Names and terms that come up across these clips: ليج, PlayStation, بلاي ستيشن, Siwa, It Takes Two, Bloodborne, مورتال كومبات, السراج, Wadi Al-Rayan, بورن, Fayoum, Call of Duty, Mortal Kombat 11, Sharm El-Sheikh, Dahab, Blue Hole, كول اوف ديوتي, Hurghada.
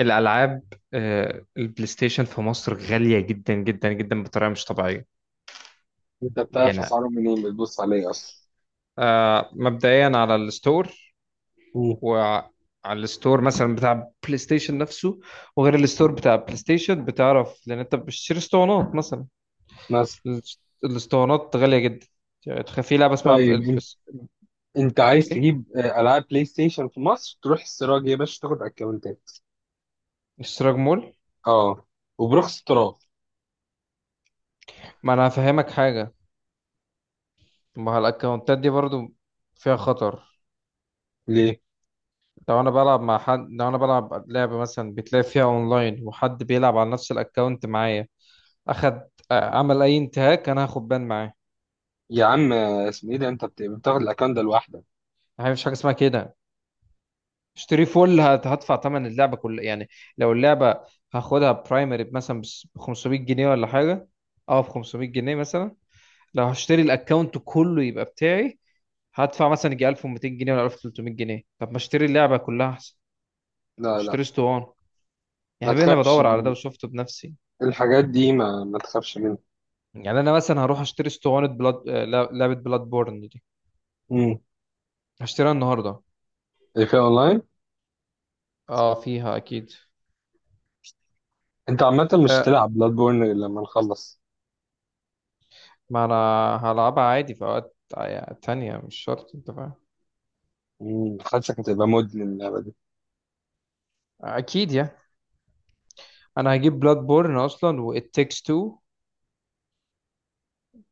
الألعاب. البلاي ستيشن في مصر غالية جدا جدا جدا بطريقة مش طبيعية. انت بتعرف يعني اسعارهم منين؟ بتبص عليه اصلا؟ مبدئيا على الستور، مم. وعلى الستور مثلا بتاع بلاي ستيشن نفسه، وغير الستور بتاع بلاي ستيشن بتعرف لأن أنت بتشتري اسطوانات مثلا. بس. الاسطوانات غالية جدا، يعني تخيل في لعبة اسمها ب- طيب ال- انت بس- انت عايز إيه تجيب العاب بلاي ستيشن في مصر، تروح السراج يا باشا تاخد اكونتات. اشتراك مول. اه، وبرخص التراب. ما أنا هفهمك حاجة، ما هو الأكونتات دي برضو فيها خطر. ليه؟ لو انا بلعب مع حد، لو انا بلعب لعبة مثلا بتلاقي فيها اونلاين وحد بيلعب على نفس الاكونت معايا، اخد عمل اي انتهاك، انا هاخد بان معاه. يا عم، اسمه ايه ده؟ انت بتاخد الاكونت ده لوحدك. ما فيش حاجة اسمها كده. اشتري فول، هدفع ثمن اللعبة كلها يعني. لو اللعبة هاخدها برايمري مثلا ب 500 جنيه ولا حاجة، اه ب 500 جنيه مثلا، لو هشتري الاكونت كله يبقى بتاعي هدفع مثلا يجي 1200 جنيه ولا 1300 جنيه. طب ما اشتري اللعبة كلها احسن، لا لا، اشتري اسطوانة. يا ما حبيبي انا تخافش. بدور على ده وشفته بنفسي. الحاجات دي ما تخافش منها. يعني انا مثلا هروح اشتري اسطوانه بلاد لعبه بلاد بورن دي، امم هشتريها النهارده. ايه، في اونلاين؟ اه فيها اكيد. انت عامه مش آه، تلعب بلاد بورن غير لما نخلص. ما انا هلعبها عادي في اوقات تانية، مش شرط، انت فاهم؟ حاسسك هتبقى مدمن اللعبه دي. اكيد يعني. انا هجيب بلاد بورن اصلا و It Takes Two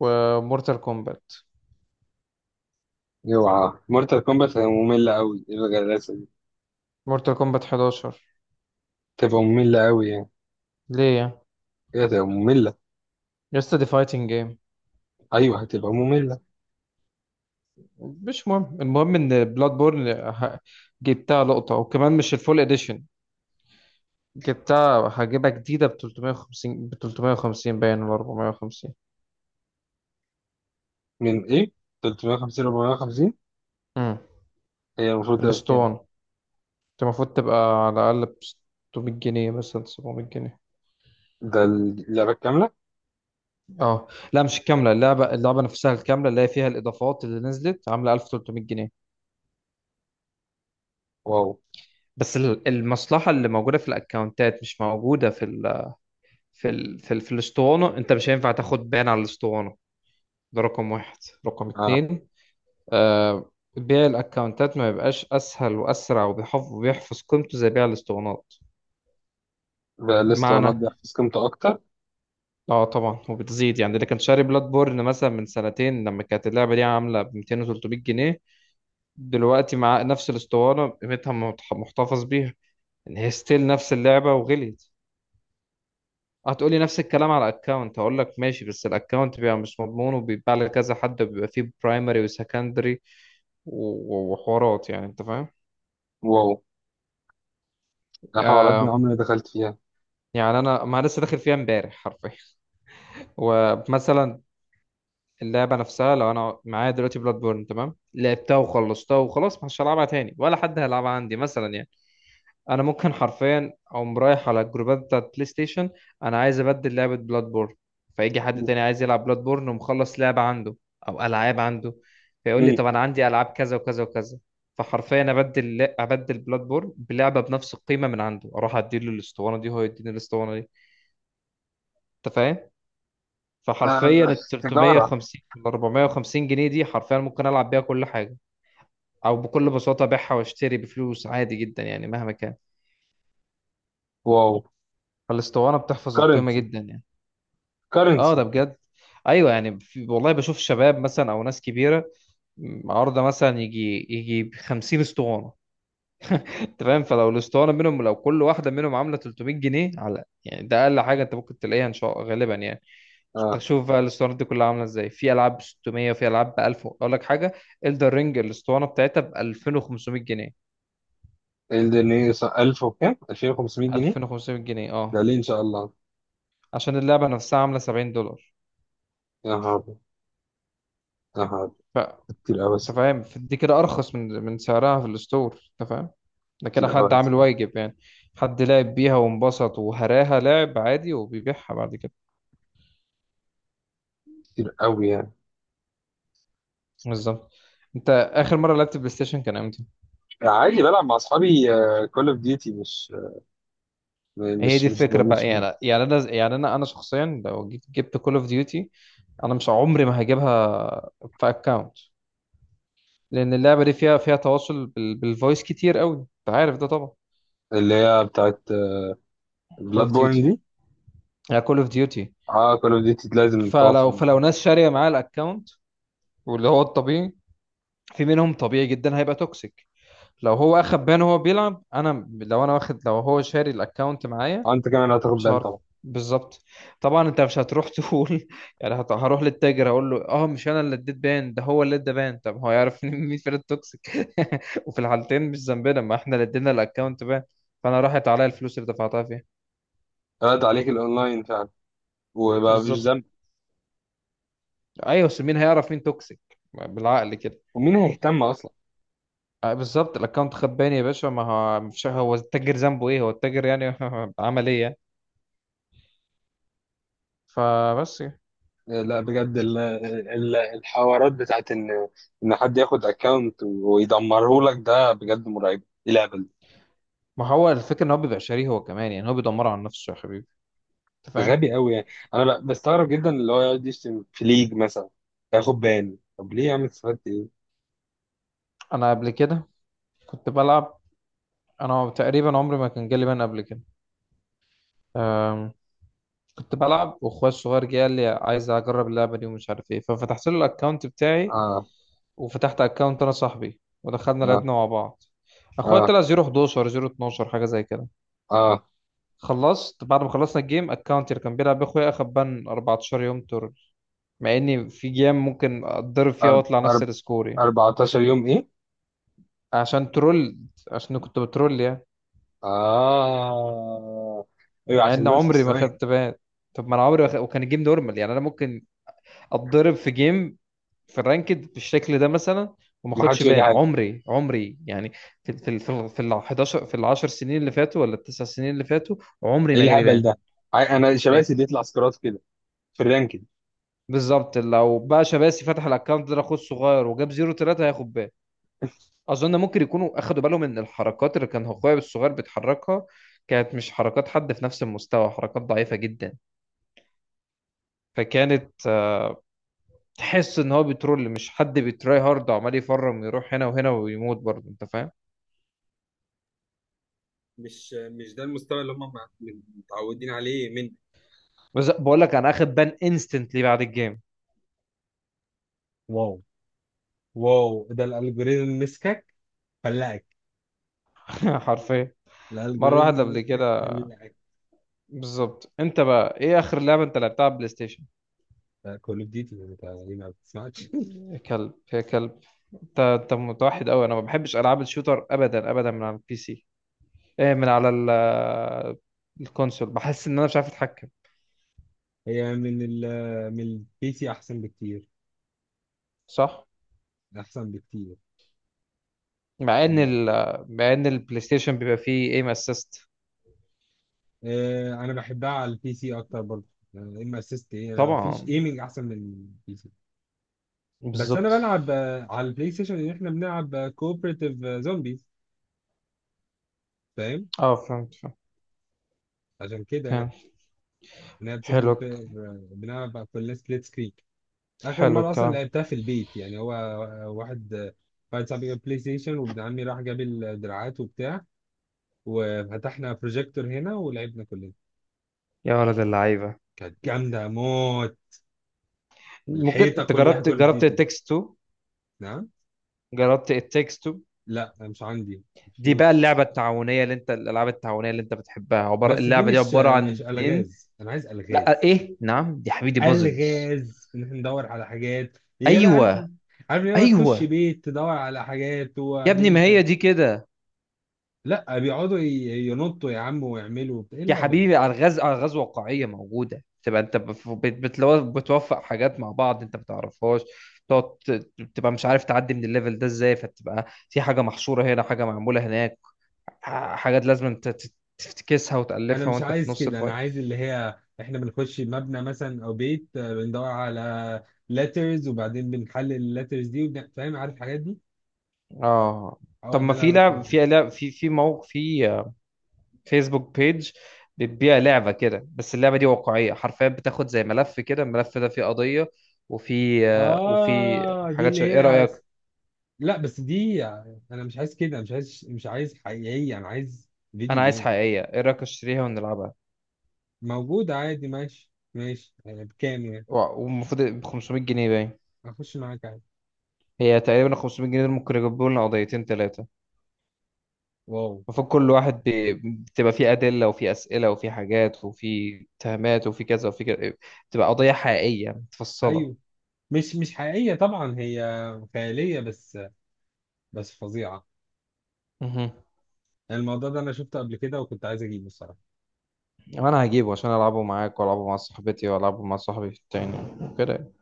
ومورتال كومبات، اوعى، مورتال كومبات هتبقى ممله قوي، ايه الغلاسه دي؟ مورتال كومبات 11. تبقى ممله قوي يعني. ليه يعني؟ ايه، هتبقى ممله. لسه دي فايتنج جيم. ايوه، هتبقى مملة. مش مهم، المهم ان بلاد بورن ه- جبتها لقطة وكمان مش الفول اديشن، جبتها هجيبها جديدة ب 350، ب 350 باين ولا 450. من ايه؟ 350؟ 450؟ هي المفروض تبقى بكام؟ الاسطوانة انت المفروض تبقى على الأقل ب 600 جنيه مثلا، 700 جنيه. ده اللعبة الكاملة؟ اه، لا مش الكاملة، اللعبة اللعبة نفسها الكاملة اللي هي فيها الإضافات اللي نزلت عاملة 1300 جنيه. واو. بس المصلحة اللي موجودة في الأكونتات مش موجودة في ال في الأسطوانة، أنت مش هينفع تاخد بان على الأسطوانة. ده رقم واحد. رقم اه، اتنين، آه بيع الأكونتات ما يبقاش أسهل وأسرع وبيحفظ قيمته زي بيع الأسطوانات. ده لسه انا معنى، اقدر احفظ قيمته اكتر. اه طبعا وبتزيد يعني. اللي كان شاري بلاد بورن مثلا من سنتين لما كانت اللعبه دي عامله ب 200 و 300 جنيه، دلوقتي مع نفس الاسطوانه قيمتها محتفظ بيها، ان هي ستيل نفس اللعبه وغليت. هتقولي نفس الكلام على الاكونت، هقول لك ماشي بس الاكونت بيبقى مش مضمون، وبيتباع لكذا حد، وبيبقى فيه برايمري وسكندري وحوارات، يعني انت فاهم. واو، ده حوارات دي آه عمري ما دخلت فيها. يعني انا، ما أنا لسه داخل فيها امبارح حرفيا. ومثلا اللعبة نفسها، لو أنا معايا دلوقتي بلاد بورن تمام، لعبتها وخلصتها وخلاص، مش هلعبها تاني، ولا حد هيلعبها عندي مثلا يعني. أنا ممكن حرفيا أقوم رايح على الجروبات بتاعت بلاي ستيشن: أنا عايز أبدل لعبة بلاد بورن. فيجي حد مم. تاني عايز يلعب بلاد بورن ومخلص لعبة عنده أو ألعاب عنده، فيقول لي مم. طب أنا عندي ألعاب كذا وكذا وكذا، فحرفيا أبدل بلاد بورن بلعبة بنفس القيمة من عنده، أروح أديله الأسطوانة دي وهو يديني الأسطوانة دي. أنت فاهم؟ فحرفيا آه. ال تجارة. 350 ولا 450 جنيه دي حرفيا ممكن العب بيها كل حاجه، او بكل بساطه ابيعها واشتري بفلوس عادي جدا يعني مهما كان. واو. فالاسطوانه بتحفظ القيمه كرنسي، جدا يعني. اه كرنسي. ده بجد، ايوه يعني. في والله بشوف شباب مثلا او ناس كبيره عارضه مثلا يجي 50 اسطوانه. انت فاهم؟ فلو الاسطوانه منهم، لو كل واحده منهم عامله 300 جنيه على، يعني ده اقل حاجه انت ممكن تلاقيها ان شاء غالبا يعني. اه، تشوف بقى الاسطوانات دي كلها عامله ازاي، في العاب ب 600 وفي العاب ب 1000. اقول لك حاجه، الدر رينج الاسطوانه بتاعتها ب 2500 جنيه. الدنيا. 1000 وكام؟ 2500 جنيه؟ 2500 جنيه ده اه، ليه ان شاء الله؟ عشان اللعبه نفسها عامله 70 دولار. يا نهار أبيض. يا نهار أبيض. فانت كتير قوي. فاهم، دي كده ارخص من سعرها في الستور، انت فاهم. ده كده كتير حد عامل قوي. واجب يعني، حد لعب بيها وانبسط وهراها لعب عادي وبيبيعها بعد كده. كتير قوي يعني. بالظبط. انت اخر مره لعبت بلاي ستيشن كان امتى؟ عادي، بلعب مع اصحابي كول اوف ديوتي، مش هي مش دي مش الفكره بقى مش يعني. يعني انا، يعني انا شخصيا لو جبت كول اوف ديوتي، انا مش عمري ما هجيبها في اكونت، لان اللعبه دي فيها تواصل بالفويس كتير قوي، انت عارف ده طبعا. اللي هي بتاعت كول بلاد اوف بورن ديوتي، دي. يعني كول اوف ديوتي، اه، كول اوف ديوتي لازم تتواصل فلو مع فلو حد. ناس شاريه معاه الاكونت، واللي هو الطبيعي في منهم طبيعي جدا هيبقى توكسيك. لو هو اخد بان وهو بيلعب، انا لو انا واخد، لو هو شاري الاكونت معايا، انت كمان هتاخد مش بان عارف. طبعا. بالظبط، طبعا انت مش هتروح تقول يعني هروح للتاجر هقول له اه مش انا اللي اديت بان ده، هو اللي ادى بان. طب هو يعرف إن مين فين التوكسيك؟ وفي الحالتين مش ذنبنا، ما احنا اللي ادينا الاكونت بان. فانا راحت عليا الفلوس اللي دفعتها فيها. قلت عليك الاونلاين فعلا، وبقى مفيش بالظبط. ذنب. ايوه، بس مين هيعرف مين توكسيك؟ بالعقل كده. ومين هيهتم اصلا؟ بالظبط، الاكونت خد بان يا باشا، ما هو مش هو التاجر ذنبه ايه؟ هو التاجر يعني عمل ايه يعني؟ فبس. لا، بجد الحوارات بتاعت ان حد ياخد اكونت ويدمره لك، ده بجد مرعب، ايه الهبل؟ ما هو الفكره ان هو بيبقى شاريه هو كمان يعني، هو بيدمر على نفسه يا حبيبي، انت ده فاهم. غبي قوي يعني. انا بستغرب جدا اللي هو يقعد يشتم في ليج مثلا، ياخد بان. طب ليه يا عم، استفدت ايه؟ انا قبل كده كنت بلعب، انا تقريبا عمري ما كان جالي بان قبل كده. أم، كنت بلعب، واخويا الصغير جه قال لي عايز اجرب اللعبه دي ومش عارف ايه، ففتحت له الاكونت بتاعي، اه، وفتحت اكونت انا صاحبي ودخلنا اه، لعبنا مع بعض. اخويا اه، طلع 011، 012 حاجه زي كده. اه. خلصت بعد ما خلصنا الجيم، اكونت اللي كان بيلعب بيه اخويا اخد بان 14 يوم ترول، مع اني في جيم ممكن اتضرب فيها أرب واطلع نفس أرب السكور يعني. 14 يوم ايه؟ عشان ترول، عشان كنت بترول يعني، اه. ايوه، مع عشان ان دول في عمري ما السماء. خدت بان. طب ما انا عمري ما وكان الجيم نورمال يعني، انا ممكن اتضرب في جيم في الرانكد بالشكل ده مثلا وما ما اخدش حدش يقول لي بان، حاجه. عمري يعني. في في ال 11، في ال 10 سنين اللي فاتوا ولا التسع سنين اللي فاتوا، عمري ايه ما جالي الهبل بان. ده؟ انا شباسي ايه؟ بيطلع سكرات كده في الرانكينج. بالظبط، لو بقى شباسي فتح الاكونت ده اخوه الصغير وجاب 0 3 هياخد بان. اظن ممكن يكونوا اخدوا بالهم ان الحركات اللي كان اخويا الصغير بيتحركها كانت مش حركات حد في نفس المستوى، حركات ضعيفة جدا، فكانت تحس ان هو بيترول مش حد بيتراي هارد وعمال يفرم يروح هنا وهنا ويموت برضه، انت فاهم. مش ده المستوى اللي هم متعودين عليه من. بس بقول لك انا اخد بان انستنتلي بعد الجيم. واو، واو، ده الالجوريزم مسكك فلقك. حرفيا مره واحده الالجوريزم قبل مسكك كده. فلقك. بالظبط. انت بقى ايه اخر لعبه انت لعبتها على البلاي ستيشن؟ كول اوف ديوتي، انت ليه ما بتسمعش؟ يا كلب، يا كلب. انت متوحد قوي. انا ما بحبش العاب الشوتر ابدا ابدا. من على البي سي، ايه؟ الكونسول بحس ان انا مش عارف اتحكم. هي من البي سي احسن بكتير. صح. احسن بكتير. مع ان مع ان البلاي ستيشن بيبقى فيه ايم اسيست. انا بحبها على البي سي اكتر برضه. ام اسيست ايه؟ انا مفيش طبعا، ايمنج احسن من البي سي. بس انا بالظبط. بلعب على البلاي ستيشن ان احنا بنلعب كوبريتيف زومبيز، فاهم؟ اه فهمت. عشان كده يعني. فاهم، بنلعب سنجل حلو، بلاير، بنلعب كلنا سبليت سكرين. اخر حلو مره اصلا الكلام. لعبتها في البيت، يعني هو واحد صاحبي جاب بلاي ستيشن، وابن عمي راح جاب الدراعات وبتاع، وفتحنا بروجيكتور هنا ولعبنا كلنا. يا ولد اللعيبه، كانت جامده موت. ممكن الحيطه انت كلها جربت كول اوف جربت ديوتي. التكست 2؟ جربت التكست 2، لا، مش عندي دي بقى فلوس. اللعبه التعاونيه اللي انت، الالعاب التعاونيه اللي انت بتحبها، عباره، بس دي اللعبه دي مش عباره مش عن اتنين. الغاز، انا عايز لا الغاز. ايه نعم، دي حبيبي بازلز. الغاز ان احنا ندور على حاجات، هي لا عارف، ايوه. عارف، ليه تخش ايوه بيت تدور على حاجات يا ابني، وبعدين ما هي دي كده. لا، بيقعدوا ينطوا يا عم ويعملوا وبتاع. ايه يا الهبل ده؟ حبيبي الغاز، الغاز واقعيه موجوده. تبقى انت بتوفق حاجات مع بعض انت ما بتعرفهاش، تقعد تبقى مش عارف تعدي من الليفل ده ازاي، فتبقى في حاجه محصوره هنا، حاجه معموله هناك، حاجات لازم انت تفتكسها انا وتألفها مش وانت في عايز نص كده، انا الفايل. عايز اللي هي احنا بنخش مبنى مثلا او بيت، بندور على لترز وبعدين بنحلل اللترز دي فاهم، عارف الحاجات دي. اه، هو طب ده ما اللي في انا بتكلم لعب، فيه. في موقع، في فيسبوك بيج بتبيع لعبة كده، بس اللعبة دي واقعية حرفيا، بتاخد زي ملف كده، الملف ده فيه قضية، وفي وفي اه، دي حاجات اللي شبه، ايه هي. رأيك؟ لا، بس دي، انا مش عايز كده، مش عايز حقيقية، انا عايز انا فيديو عايز جيم. حقيقية، ايه رأيك اشتريها ونلعبها؟ موجود عادي، ماشي، ماشي يعني. بكام يعني؟ والمفروض ب 500 جنيه باين، اخش معاك عادي. هي تقريبا 500 جنيه، دول ممكن يجيبوا لنا قضيتين ثلاثة. واو. المفروض كل واحد بتبقى فيه أدلة وفيه أسئلة وفيه حاجات وفيه اتهامات وفيه كذا وفيه كذا، بتبقى قضية حقيقية متفصلة. ايوه، مش حقيقية طبعا، هي خيالية بس، بس فظيعة. مهم. يعني الموضوع ده انا شفته قبل كده وكنت عايز اجيبه الصراحة. وأنا هجيبه عشان ألعبه معاك وألعبه مع صاحبتي وألعبه مع صاحبي التاني كده.